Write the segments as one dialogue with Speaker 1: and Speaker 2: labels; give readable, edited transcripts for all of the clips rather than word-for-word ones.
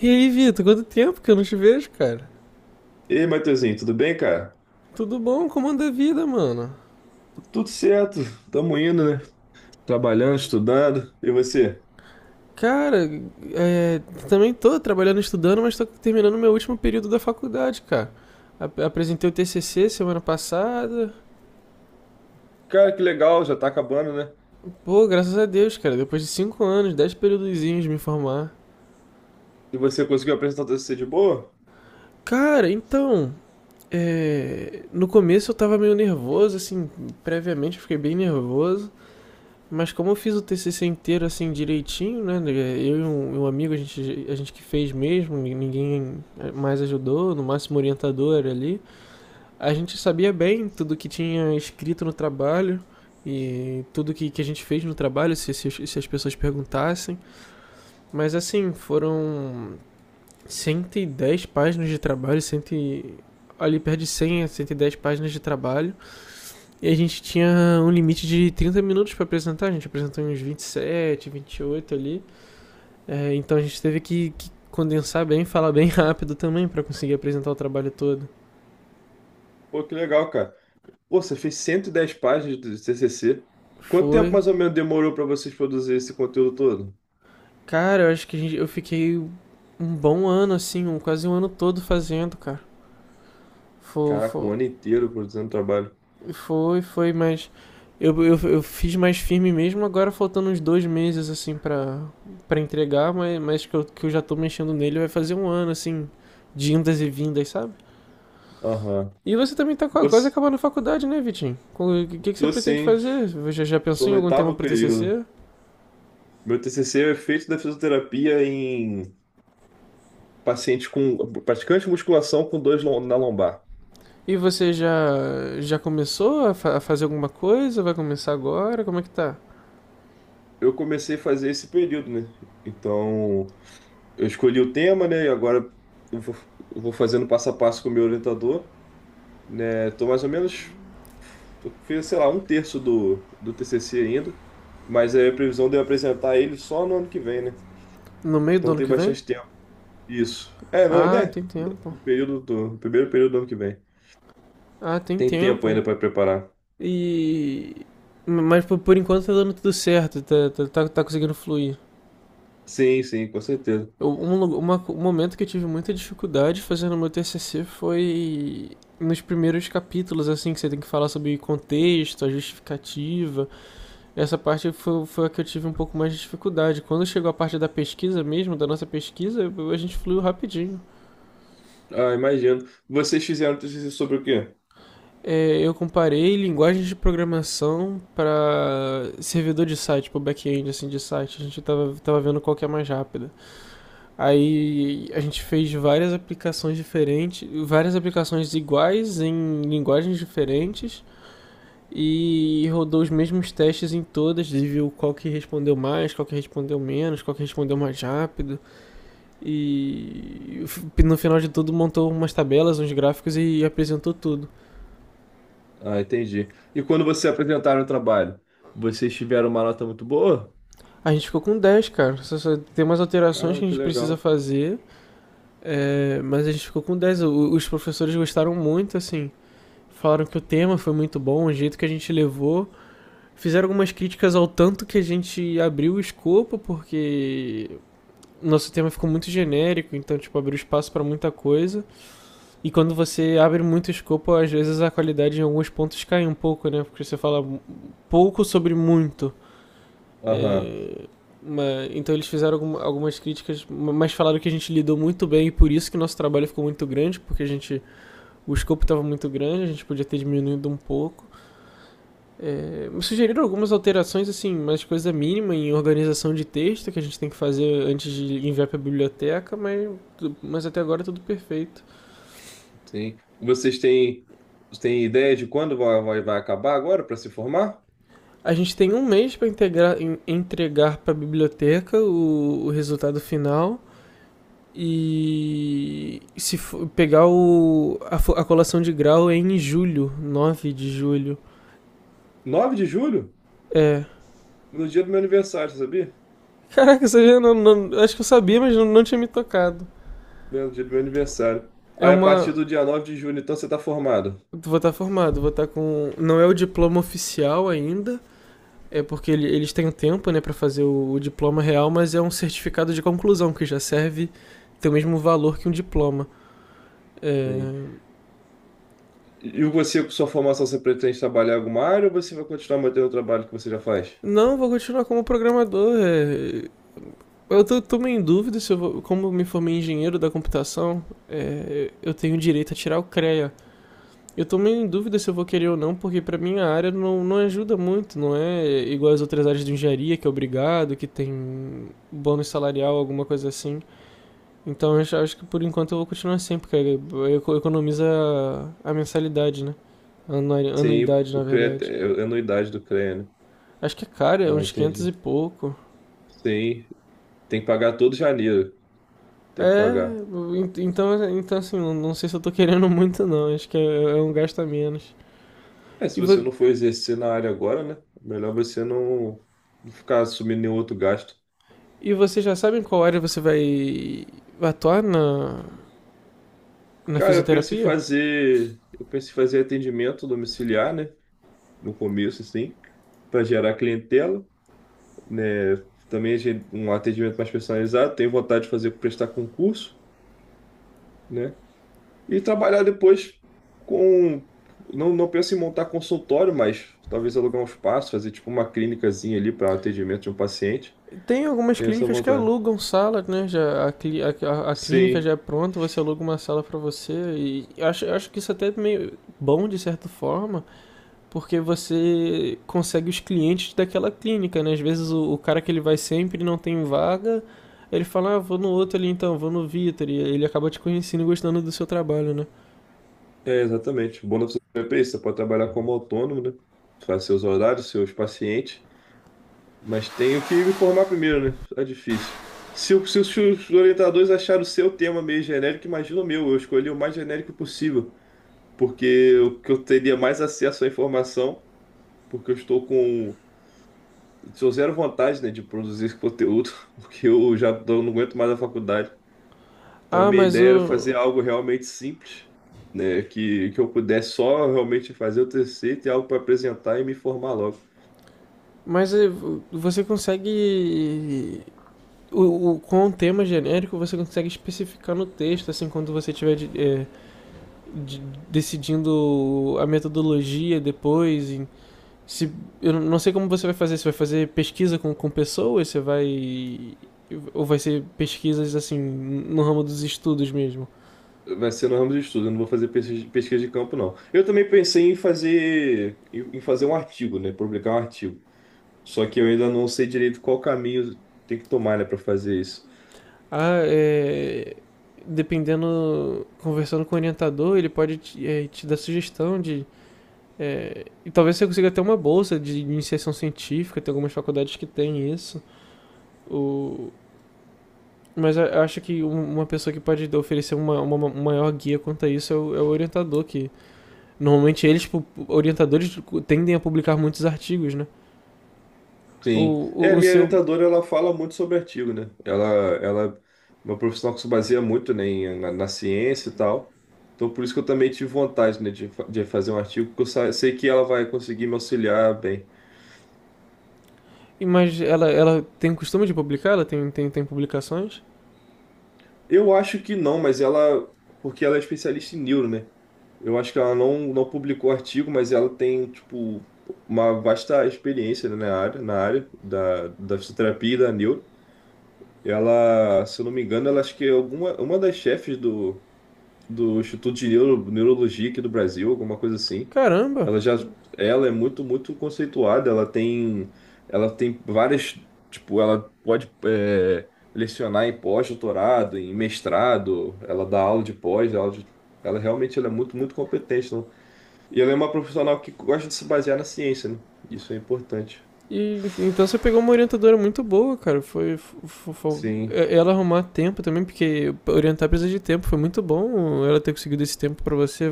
Speaker 1: E aí, Vitor, quanto tempo que eu não te vejo, cara?
Speaker 2: Ei, Matheusinho, tudo bem, cara?
Speaker 1: Tudo bom? Como anda a vida, mano?
Speaker 2: Tudo certo, tamo indo, né? Trabalhando, estudando. E você?
Speaker 1: Cara, é, também tô trabalhando, estudando, mas tô terminando meu último período da faculdade, cara. Apresentei o TCC semana passada.
Speaker 2: Cara, que legal, já tá acabando, né?
Speaker 1: Pô, graças a Deus, cara, depois de 5 anos, 10 períodozinhos de me formar.
Speaker 2: E você conseguiu apresentar o TCC de boa?
Speaker 1: Cara, então, no começo eu tava meio nervoso, assim, previamente eu fiquei bem nervoso. Mas como eu fiz o TCC inteiro assim direitinho, né? Eu e um amigo, a gente que fez mesmo, ninguém mais ajudou, no máximo orientador era ali. A gente sabia bem tudo que tinha escrito no trabalho e tudo que a gente fez no trabalho, se as pessoas perguntassem. Mas assim, foram 110 páginas de trabalho, 100, ali perto de 100 a 110 páginas de trabalho e a gente tinha um limite de 30 minutos para apresentar, a gente apresentou uns 27, oito ali. É, então a gente teve que condensar bem, falar bem rápido também para conseguir apresentar o trabalho todo.
Speaker 2: Pô, que legal, cara. Pô, você fez 110 páginas do TCC. Quanto tempo
Speaker 1: Foi.
Speaker 2: mais ou menos demorou pra vocês produzir esse conteúdo todo?
Speaker 1: Cara, eu acho que eu fiquei um bom ano, assim, quase um ano todo fazendo, cara. Foi,
Speaker 2: Caraca,
Speaker 1: foi,
Speaker 2: um ano inteiro produzindo trabalho.
Speaker 1: foi, mas eu fiz mais firme mesmo, agora faltando uns 2 meses, assim, pra entregar, mas que eu já tô mexendo nele, vai fazer um ano, assim, de indas e vindas, sabe?
Speaker 2: Aham.
Speaker 1: E você também tá quase
Speaker 2: Você-
Speaker 1: acabando a faculdade, né, Vitinho? O que você
Speaker 2: Tô
Speaker 1: pretende
Speaker 2: sim,
Speaker 1: fazer? Você já
Speaker 2: tô
Speaker 1: pensou em
Speaker 2: no
Speaker 1: algum tema
Speaker 2: oitavo
Speaker 1: para
Speaker 2: período.
Speaker 1: TCC?
Speaker 2: Meu TCC é feito da fisioterapia em pacientes com praticante de musculação com dores na lombar.
Speaker 1: E você já começou a fazer alguma coisa? Vai começar agora? Como é que tá?
Speaker 2: Eu comecei a fazer esse período, né? Então, eu escolhi o tema, né? E agora eu vou, eu vou fazendo passo a passo com o meu orientador, né? Tô mais ou menos, eu fiz, sei lá, um terço do TCC ainda, mas é a previsão de eu apresentar ele só no ano que vem, né?
Speaker 1: No meio do
Speaker 2: Então
Speaker 1: ano
Speaker 2: tem
Speaker 1: que vem?
Speaker 2: bastante tempo. Isso. É, não,
Speaker 1: Ah,
Speaker 2: né?
Speaker 1: tem tempo.
Speaker 2: No primeiro período do ano que vem.
Speaker 1: Ah, tem
Speaker 2: Tem tempo
Speaker 1: tempo.
Speaker 2: ainda para preparar.
Speaker 1: E mas por enquanto tá dando tudo certo, tá conseguindo fluir.
Speaker 2: Sim, sim, com certeza.
Speaker 1: Um momento que eu tive muita dificuldade fazendo o meu TCC foi nos primeiros capítulos, assim, que você tem que falar sobre contexto, a justificativa. Essa parte foi a que eu tive um pouco mais de dificuldade. Quando chegou a parte da pesquisa mesmo, da nossa pesquisa, a gente fluiu rapidinho.
Speaker 2: Ah, imagino. Vocês fizeram TCC sobre o quê?
Speaker 1: É, eu comparei linguagens de programação para servidor de site, para back-end, assim, de site. A gente tava vendo qual que é mais rápida. Aí a gente fez várias aplicações diferentes, várias aplicações iguais em linguagens diferentes e rodou os mesmos testes em todas e viu qual que respondeu mais, qual que respondeu menos, qual que respondeu mais rápido e no final de tudo montou umas tabelas, uns gráficos e apresentou tudo.
Speaker 2: Ah, entendi. E quando você apresentaram o trabalho, vocês tiveram uma nota muito boa?
Speaker 1: A gente ficou com dez, cara. Tem umas alterações que
Speaker 2: Caramba,
Speaker 1: a
Speaker 2: que
Speaker 1: gente precisa
Speaker 2: legal.
Speaker 1: fazer, mas a gente ficou com 10. Os professores gostaram muito, assim. Falaram que o tema foi muito bom, o jeito que a gente levou. Fizeram algumas críticas ao tanto que a gente abriu o escopo, porque nosso tema ficou muito genérico, então, tipo, abriu espaço para muita coisa. E quando você abre muito escopo, às vezes a qualidade em alguns pontos cai um pouco, né? Porque você fala pouco sobre muito.
Speaker 2: Aham,
Speaker 1: É, então eles fizeram algumas críticas, mas falaram que a gente lidou muito bem e por isso que nosso trabalho ficou muito grande, porque a gente o escopo estava muito grande, a gente podia ter diminuído um pouco. É, me sugeriram algumas alterações, assim, mas coisa mínima em organização de texto que a gente tem que fazer antes de enviar para a biblioteca, mas até agora é tudo perfeito.
Speaker 2: sim. Vocês têm ideia de quando vai acabar agora para se formar?
Speaker 1: A gente tem um mês para entregar para a biblioteca o resultado final e se for pegar colação de grau é em julho, 9 de julho.
Speaker 2: Nove de julho?
Speaker 1: É.
Speaker 2: No dia do meu aniversário, você sabia?
Speaker 1: Caraca, isso aí não, não, acho que eu sabia, mas não, não tinha me tocado.
Speaker 2: No dia do meu aniversário.
Speaker 1: É
Speaker 2: Aí, a partir
Speaker 1: uma,
Speaker 2: do dia 9 de julho, então você está formado.
Speaker 1: Vou estar formado, vou estar com. Não é o diploma oficial ainda, é porque eles têm um tempo, né, para fazer o diploma real, mas é um certificado de conclusão que já serve, tem o mesmo valor que um diploma.
Speaker 2: Sim.
Speaker 1: É,
Speaker 2: E você, com sua formação, você pretende trabalhar em alguma área ou você vai continuar mantendo o trabalho que você já faz?
Speaker 1: não, vou continuar como programador. Eu tô meio em dúvida se eu vou. Como eu me formei em engenheiro da computação, eu tenho direito a tirar o CREA. Eu tô meio em dúvida se eu vou querer ou não, porque pra minha área não, não ajuda muito, não é igual as outras áreas de engenharia, que é obrigado, que tem bônus salarial, alguma coisa assim. Então que por enquanto eu vou continuar sem, porque economiza mensalidade, né?
Speaker 2: Sim,
Speaker 1: Anuidade, na
Speaker 2: o CREA
Speaker 1: verdade.
Speaker 2: é anuidade do CREA, né?
Speaker 1: Acho que é caro, é
Speaker 2: Ah,
Speaker 1: uns 500
Speaker 2: entendi.
Speaker 1: e pouco.
Speaker 2: Sim, tem que pagar todo janeiro. Tem que
Speaker 1: É,
Speaker 2: pagar.
Speaker 1: então assim, não sei se eu tô querendo muito não, acho que é um gasto a menos.
Speaker 2: É, se
Speaker 1: E, vo,
Speaker 2: você não for exercer na área agora, né? Melhor você não ficar assumindo nenhum outro gasto.
Speaker 1: e vocês já sabem qual área você vai atuar na
Speaker 2: Cara,
Speaker 1: fisioterapia?
Speaker 2: Eu penso em fazer atendimento domiciliar, né? No começo, assim, para gerar clientela, né? Também um atendimento mais personalizado. Tenho vontade de fazer prestar concurso, né? E trabalhar depois com. Não, não penso em montar consultório, mas talvez alugar um espaço, fazer tipo uma clínicazinha ali para atendimento de um paciente.
Speaker 1: Tem algumas
Speaker 2: Tem essa
Speaker 1: clínicas que
Speaker 2: vontade.
Speaker 1: alugam sala, né? Já a, cli- a- clínica
Speaker 2: Sim,
Speaker 1: já é pronta, você aluga uma sala pra você. E acho que isso até é meio bom de certa forma, porque você consegue os clientes daquela clínica, né? Às vezes o cara que ele vai sempre não tem vaga, ele fala, ah, vou no outro ali então, vou no Vitor. E ele acaba te conhecendo e gostando do seu trabalho, né?
Speaker 2: é exatamente. O bom da fisioterapia é isso. Você pode trabalhar como autônomo, né? Faz seus horários, seus pacientes. Mas tenho que me formar primeiro, né? É difícil. Se os orientadores acharam o seu tema meio genérico, imagina o meu. Eu escolhi o mais genérico possível. Porque o que eu teria mais acesso à informação, porque eu estou com. Sou zero vontade, né, de produzir esse conteúdo, porque eu já não aguento mais a faculdade. Então, a
Speaker 1: Ah,
Speaker 2: minha
Speaker 1: mas
Speaker 2: ideia era
Speaker 1: o.
Speaker 2: fazer algo realmente simples, né? Que eu pudesse só realmente fazer o TCC, ter algo para apresentar e me formar logo.
Speaker 1: Mas você consegue com o tema genérico você consegue especificar no texto, assim, quando você estiver de- decidindo a metodologia depois. Em- se, Eu não sei como você vai fazer, se vai fazer pesquisa com pessoas, você vai. Ou vai ser pesquisas assim, no ramo dos estudos mesmo.
Speaker 2: Vai ser no ramo de estudo, eu não vou fazer pesquisa de campo, não. Eu também pensei em fazer, em fazer um artigo, né? Publicar um artigo. Só que eu ainda não sei direito qual caminho tem que tomar, né, para fazer isso.
Speaker 1: Ah, é. Dependendo, conversando com o orientador, ele pode te dar sugestão de. É, e talvez você consiga até uma bolsa de iniciação científica, tem algumas faculdades que têm isso. O... Mas eu acho que um- uma, pessoa que pode oferecer uma maior guia quanto a isso é o orientador, que normalmente eles, tipo, orientadores, tendem a publicar muitos artigos, né? O,
Speaker 2: Sim. É,
Speaker 1: o,
Speaker 2: a
Speaker 1: o
Speaker 2: minha
Speaker 1: seu.
Speaker 2: orientadora, ela fala muito sobre artigo, né? Ela é uma profissional que se baseia muito, né, na ciência e tal. Então, por isso que eu também tive vontade, né, de fazer um artigo, porque eu sei que ela vai conseguir me auxiliar bem.
Speaker 1: Mas ela tem o costume de publicar? Ela tem publicações?
Speaker 2: Eu acho que não, mas ela... Porque ela é especialista em neuro, né? Eu acho que ela não publicou artigo, mas ela tem, tipo, uma vasta experiência, né, na área da fisioterapia e da neuro. Ela, se eu não me engano, ela acho que é uma das chefes do Instituto de Neurologia aqui do Brasil, alguma coisa assim.
Speaker 1: Caramba!
Speaker 2: Ela já, ela é muito, muito conceituada. Ela tem várias, tipo, ela pode lecionar em pós-doutorado, em mestrado. Ela dá aula de pós, ela realmente ela é muito, muito competente. Não? E ela é uma profissional que gosta de se basear na ciência, né? Isso é importante.
Speaker 1: E, então você pegou uma orientadora muito boa, cara. Foi, fo- fo-
Speaker 2: Sim.
Speaker 1: é- Ela arrumar tempo também, porque orientar precisa de tempo. Foi muito bom ela ter conseguido esse tempo pra você.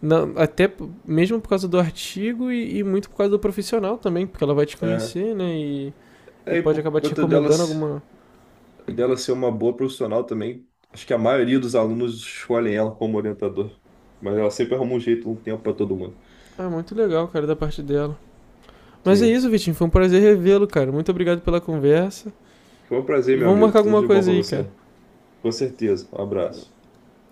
Speaker 1: Não, até mesmo por causa do artigo e muito por causa do profissional também, porque ela vai te
Speaker 2: É,
Speaker 1: conhecer, né? E
Speaker 2: é, e
Speaker 1: pode
Speaker 2: por
Speaker 1: acabar te
Speaker 2: conta
Speaker 1: recomendando
Speaker 2: delas.
Speaker 1: alguma.
Speaker 2: E dela ser uma boa profissional também. Acho que a maioria dos alunos escolhem ela como orientador. Mas ela sempre arruma um jeito, um tempo para todo mundo.
Speaker 1: Ah, muito legal, cara, da parte dela. Mas é
Speaker 2: Sim.
Speaker 1: isso, Vitinho. Foi um prazer revê-lo, cara. Muito obrigado pela conversa.
Speaker 2: Foi um prazer,
Speaker 1: E
Speaker 2: meu
Speaker 1: vamos
Speaker 2: amigo.
Speaker 1: marcar
Speaker 2: Tudo
Speaker 1: alguma
Speaker 2: de bom
Speaker 1: coisa
Speaker 2: para
Speaker 1: aí,
Speaker 2: você.
Speaker 1: cara.
Speaker 2: Com certeza. Um abraço.